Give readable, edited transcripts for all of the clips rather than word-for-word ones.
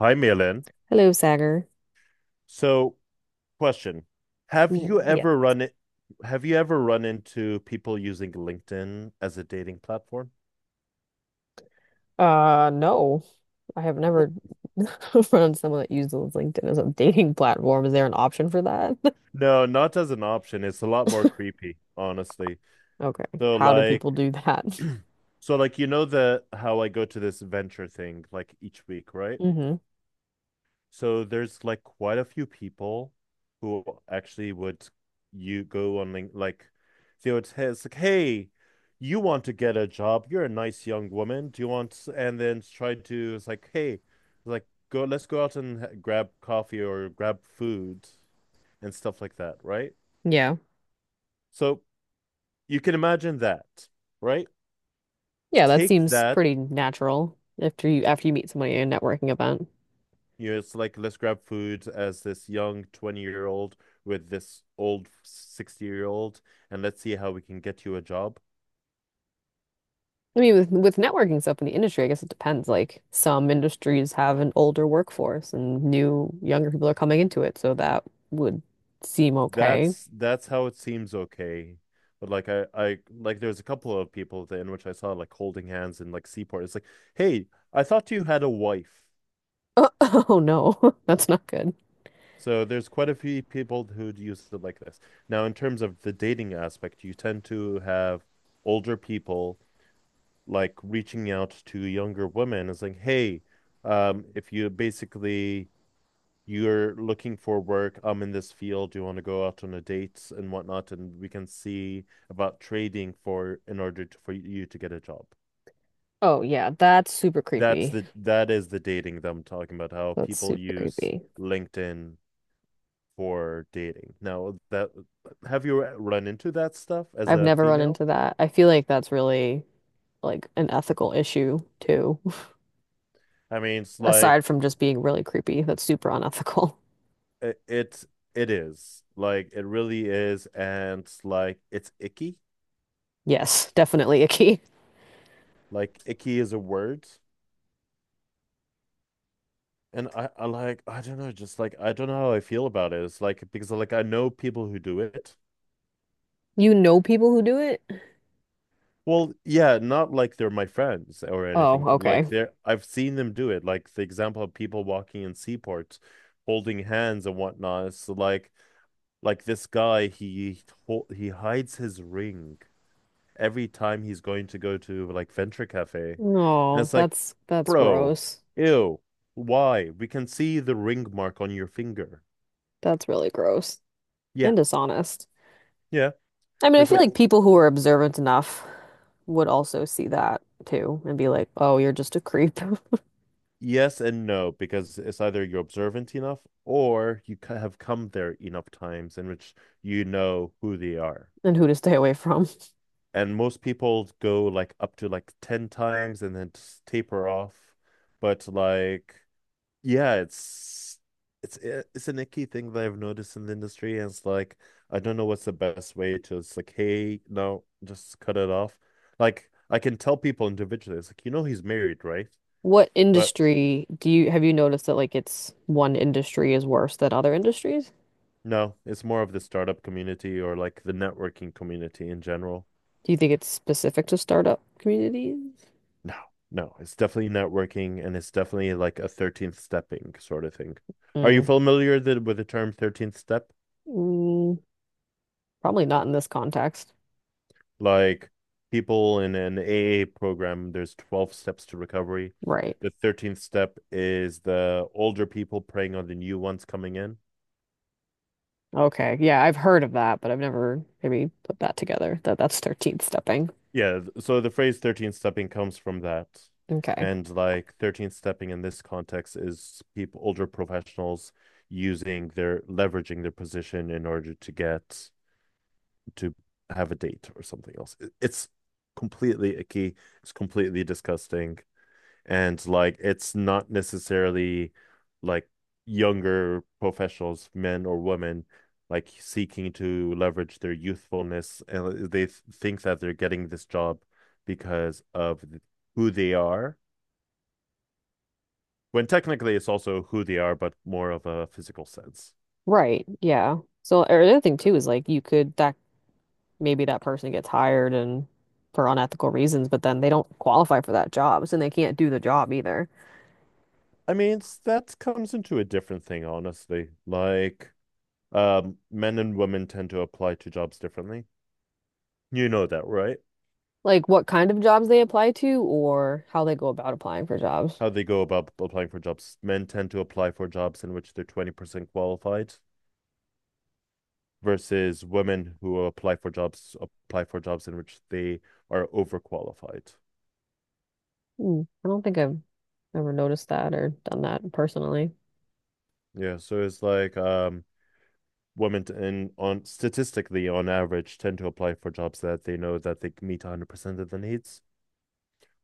Hi, Milan. Hello, Sagar. So, question. Have Mm, you yes. ever run it, have you ever run into people using LinkedIn as a dating platform? Uh, no, I have never found someone that uses LinkedIn as a dating platform. Is there an option for that? No, not as an option. It's a lot more creepy, honestly. Okay. So How do like people do that? so like you know the how I go to this venture thing like each week, right? hmm So there's like quite a few people who actually would you go on Link like they would say it's like, hey, you want to get a job? You're a nice young woman. Do you want? And then try to it's like, hey, let's go out and grab coffee or grab food and stuff like that, right? Yeah. So you can imagine that, right? Yeah, that Take seems that. pretty natural after you meet somebody at a networking event. It's like let's grab food as this young 20-year-old with this old 60-year-old and let's see how we can get you a job. I mean, with networking stuff in the industry, I guess it depends. Like some industries have an older workforce and new younger people are coming into it, so that would seem okay. That's how it seems okay. But like I like there's a couple of people at the end which I saw like holding hands in like Seaport. It's like, hey, I thought you had a wife. Oh, no, that's not good. So there's quite a few people who'd use it like this. Now, in terms of the dating aspect, you tend to have older people like reaching out to younger women is like, hey, if you basically you're looking for work, I'm in this field, do you want to go out on a date and whatnot, and we can see about trading for in order to, for you to get a job. Oh yeah, that's super creepy. That is the dating that I'm talking about, how That's people super use creepy. LinkedIn for dating. Now that have you run into that stuff as I've a never run female? into that. I feel like that's really like an ethical issue too. I mean, it's like Aside from just being really creepy, that's super unethical. it, it it really is, and it's like it's icky. Yes, definitely icky. Like icky is a word, and I like I don't know, just like I don't know how I feel about it. It's like because like I know people who do it. You know people who do it? Well, yeah, not like they're my friends or anything, Oh, but okay. like they're I've seen them do it. Like the example of people walking in seaports, holding hands and whatnot. So like this guy, he hides his ring every time he's going to go to like Venture Cafe. And Oh, it's like, that's bro, gross. ew, why? We can see the ring mark on your finger. That's really gross Yeah, and dishonest. yeah. I mean, I There's feel like like people who are observant enough would also see that too and be like, "Oh, you're just a creep." yes and no because it's either you're observant enough or you have come there enough times in which you know who they are. And who to stay away from. And most people go like up to like 10 times and then just taper off. But like Yeah, it's an icky thing that I've noticed in the industry, and it's like I don't know what's the best way to. It's like, hey, no, just cut it off. Like I can tell people individually, it's like you know he's married, right? What But industry do you noticed that, like, it's one industry is worse than other industries? no, it's more of the startup community or like the networking community in general. Do you think it's specific to startup communities? No, no, it's definitely networking, and it's definitely like a 13th stepping sort of thing. Are you Mm, familiar with the term 13th step? Mm, probably not in this context. Like people in an AA program, there's 12 steps to recovery. Right. The 13th step is the older people preying on the new ones coming in. Okay. Yeah, I've heard of that, but I've never maybe put that together that that's 13th stepping. Yeah, so the phrase 13th stepping comes from that. Okay. And like 13th stepping in this context is people, older professionals using their leveraging their position in order to get to have a date or something else. It's completely icky. It's completely disgusting. And like it's not necessarily like younger professionals, men or women, like seeking to leverage their youthfulness and they think that they're getting this job because of who they are, when technically it's also who they are, but more of a physical sense. Right. Yeah. So or the other thing too is like you could that maybe that person gets hired and for unethical reasons, but then they don't qualify for that job, so they can't do the job either. I mean, it's, that comes into a different thing, honestly. Like, men and women tend to apply to jobs differently. You know that, right? Like what kind of jobs they apply to or how they go about applying for jobs. How they go about applying for jobs. Men tend to apply for jobs in which they're 20% qualified versus women who apply for jobs in which they are overqualified. Hmm. I don't think I've ever noticed that or done that personally. Yeah, so it's like women and on statistically on average tend to apply for jobs that they know that they meet 100% of the needs,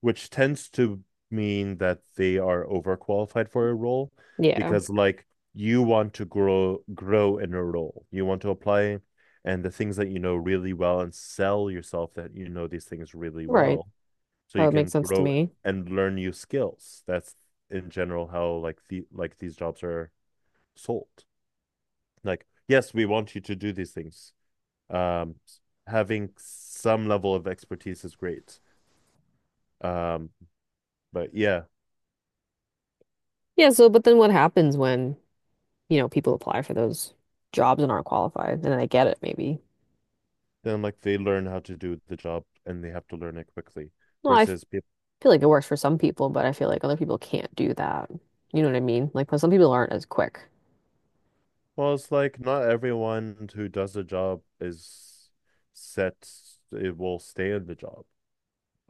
which tends to mean that they are overqualified for a role, Yeah. because like you want to grow in a role. You want to apply and the things that you know really well and sell yourself that you know these things really Right. well, so That you would make can sense to grow me. and learn new skills. That's in general how like the like these jobs are sold. Like, yes, we want you to do these things. Um having some level of expertise is great. Um but yeah, Yeah, so but then what happens when, you know, people apply for those jobs and aren't qualified, and then they get it maybe. then like they learn how to do the job and they have to learn it quickly Well, I f- versus people. feel like it works for some people, but I feel like other people can't do that. You know what I mean? Like, but some people aren't as quick. Well, it's like not everyone who does the job is set. It will stay in the job.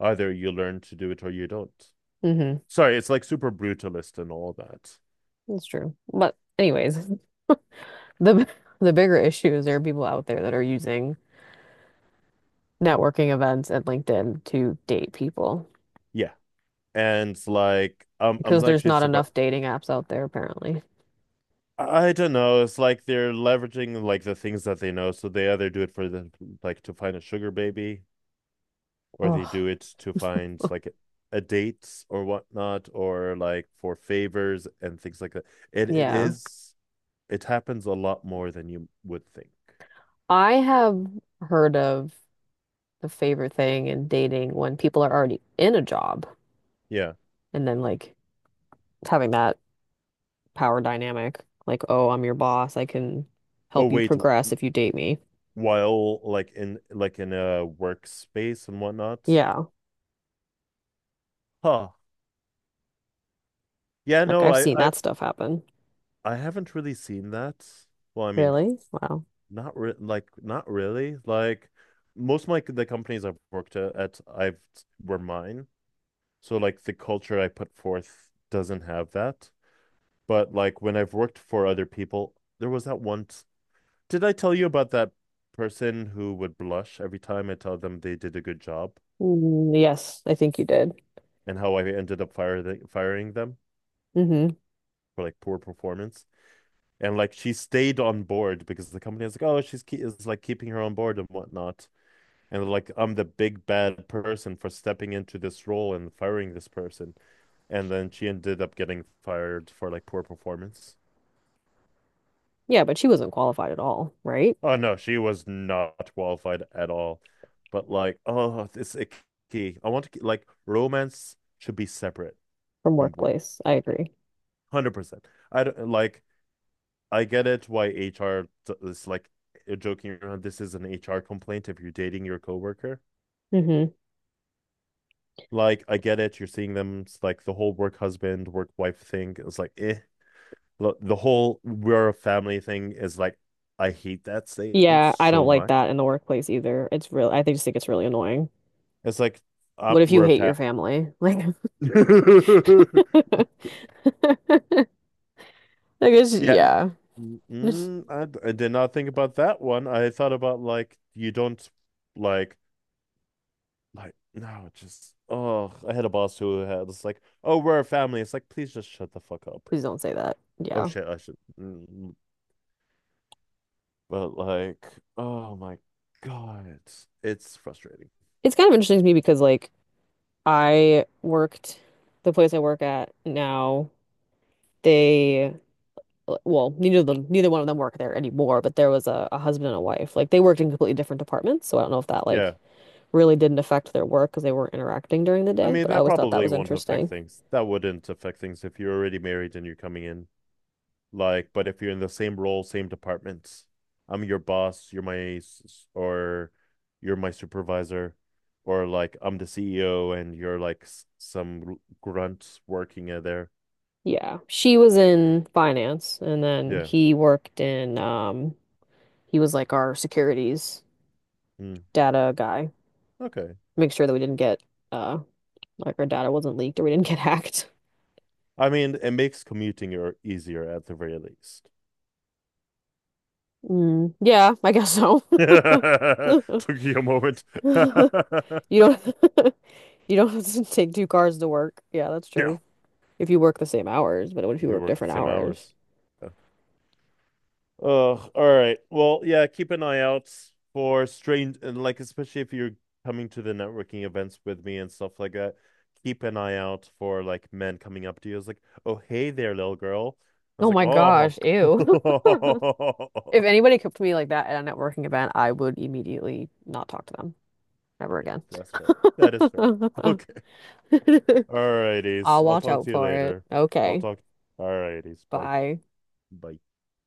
Either you learn to do it or you don't. Hmm. Sorry, it's like super brutalist and all that. That's true. But anyways, the the bigger issue is there are people out there that are using networking events and LinkedIn to date people Yeah, and like I'm because there's actually not surprised. enough dating apps out there apparently. I don't know. It's like they're leveraging like the things that they know. So they either do it for the, like, to find a sugar baby, or they Oh, do it to find like a date or whatnot, or like for favors and things like that. It it yeah. is it happens a lot more than you would think. I have heard of the favorite thing in dating when people are already in a job Yeah. and then like having that power dynamic. Like, oh, I'm your boss. I can Oh help you wait, progress if you date me. while like in a workspace and whatnot. Yeah. Huh. Yeah. Like No, I've I seen I that stuff happen. I haven't really seen that. Well, I mean, Really? Wow. not re- like not really. Like most of my the companies I've worked at I've were mine. So like the culture I put forth doesn't have that. But like when I've worked for other people, there was that once. Did I tell you about that person who would blush every time I tell them they did a good job, Mm, yes, I think you did. and how I ended up firing them Hmm. for like poor performance? And like she stayed on board because the company was like, oh, she's ke- is like keeping her on board and whatnot. And like I'm the big bad person for stepping into this role and firing this person. And then she ended up getting fired for like poor performance. Yeah, but she wasn't qualified at all, right? Oh no, she was not qualified at all. But like, oh, it's icky. I want to ke- like romance should be separate From from work, workplace. I agree. 100%. I don't like. I get it why HR is like, eh, joking around. This is an HR complaint if you're dating your coworker. Hmm. Like, I get it. You're seeing them it's like the whole work husband, work wife thing. It's like, eh. The whole we're a family thing is like I hate that statement Yeah, I don't so like much. that in the workplace either. It's real. Just think it's really annoying. It's like What if you we're hate your a family? Like, family. like it's Yeah. yeah. Mm, I did not think about that one. I thought about like you don't like like no, just oh, I had a boss who had it's like, "Oh, we're a family." It's like, "Please just shut the fuck up." Please don't say that. Oh Yeah. shit, I should. Mm, but like, oh my God, it's frustrating. It's kind of interesting to me because like I worked the place I work at now. They, well, neither one of them work there anymore, but there was a, husband and a wife. Like they worked in completely different departments, so I don't know if that, Yeah. like, really didn't affect their work because they weren't interacting during the I day, mean, but I that always thought that probably was won't affect interesting. things. That wouldn't affect things if you're already married and you're coming in. Like, but if you're in the same role, same departments, I'm your boss, or you're my supervisor, or like I'm the CEO and you're like some grunts working at there. Yeah. She was in finance and then Yeah. he worked in he was like our securities Mm. data guy. Okay. Make sure that we didn't get uh like our data wasn't leaked or we didn't get hacked. I mean, it makes commuting or easier at the very least. Mm, yeah, I guess so. Took you a moment. You don't you don't have to take two cars to work. Yeah, that's Yeah. true. If you work the same hours, but what if you If you work work the different same hours? hours. Yeah. Oh, all right. Well, yeah, keep an eye out for strange and like especially if you're coming to the networking events with me and stuff like that, keep an eye out for like men coming up to you. It's like, oh hey there, little girl. I was Oh like, my gosh, oh. ew. If anybody came to me like that at a networking event, I would immediately not talk to them ever Yeah, again. that's fair. That is fair. Okay. All I'll righties. I'll watch talk out to you for it. later. I'll Okay. talk, all righties. Bye. Bye. Bye.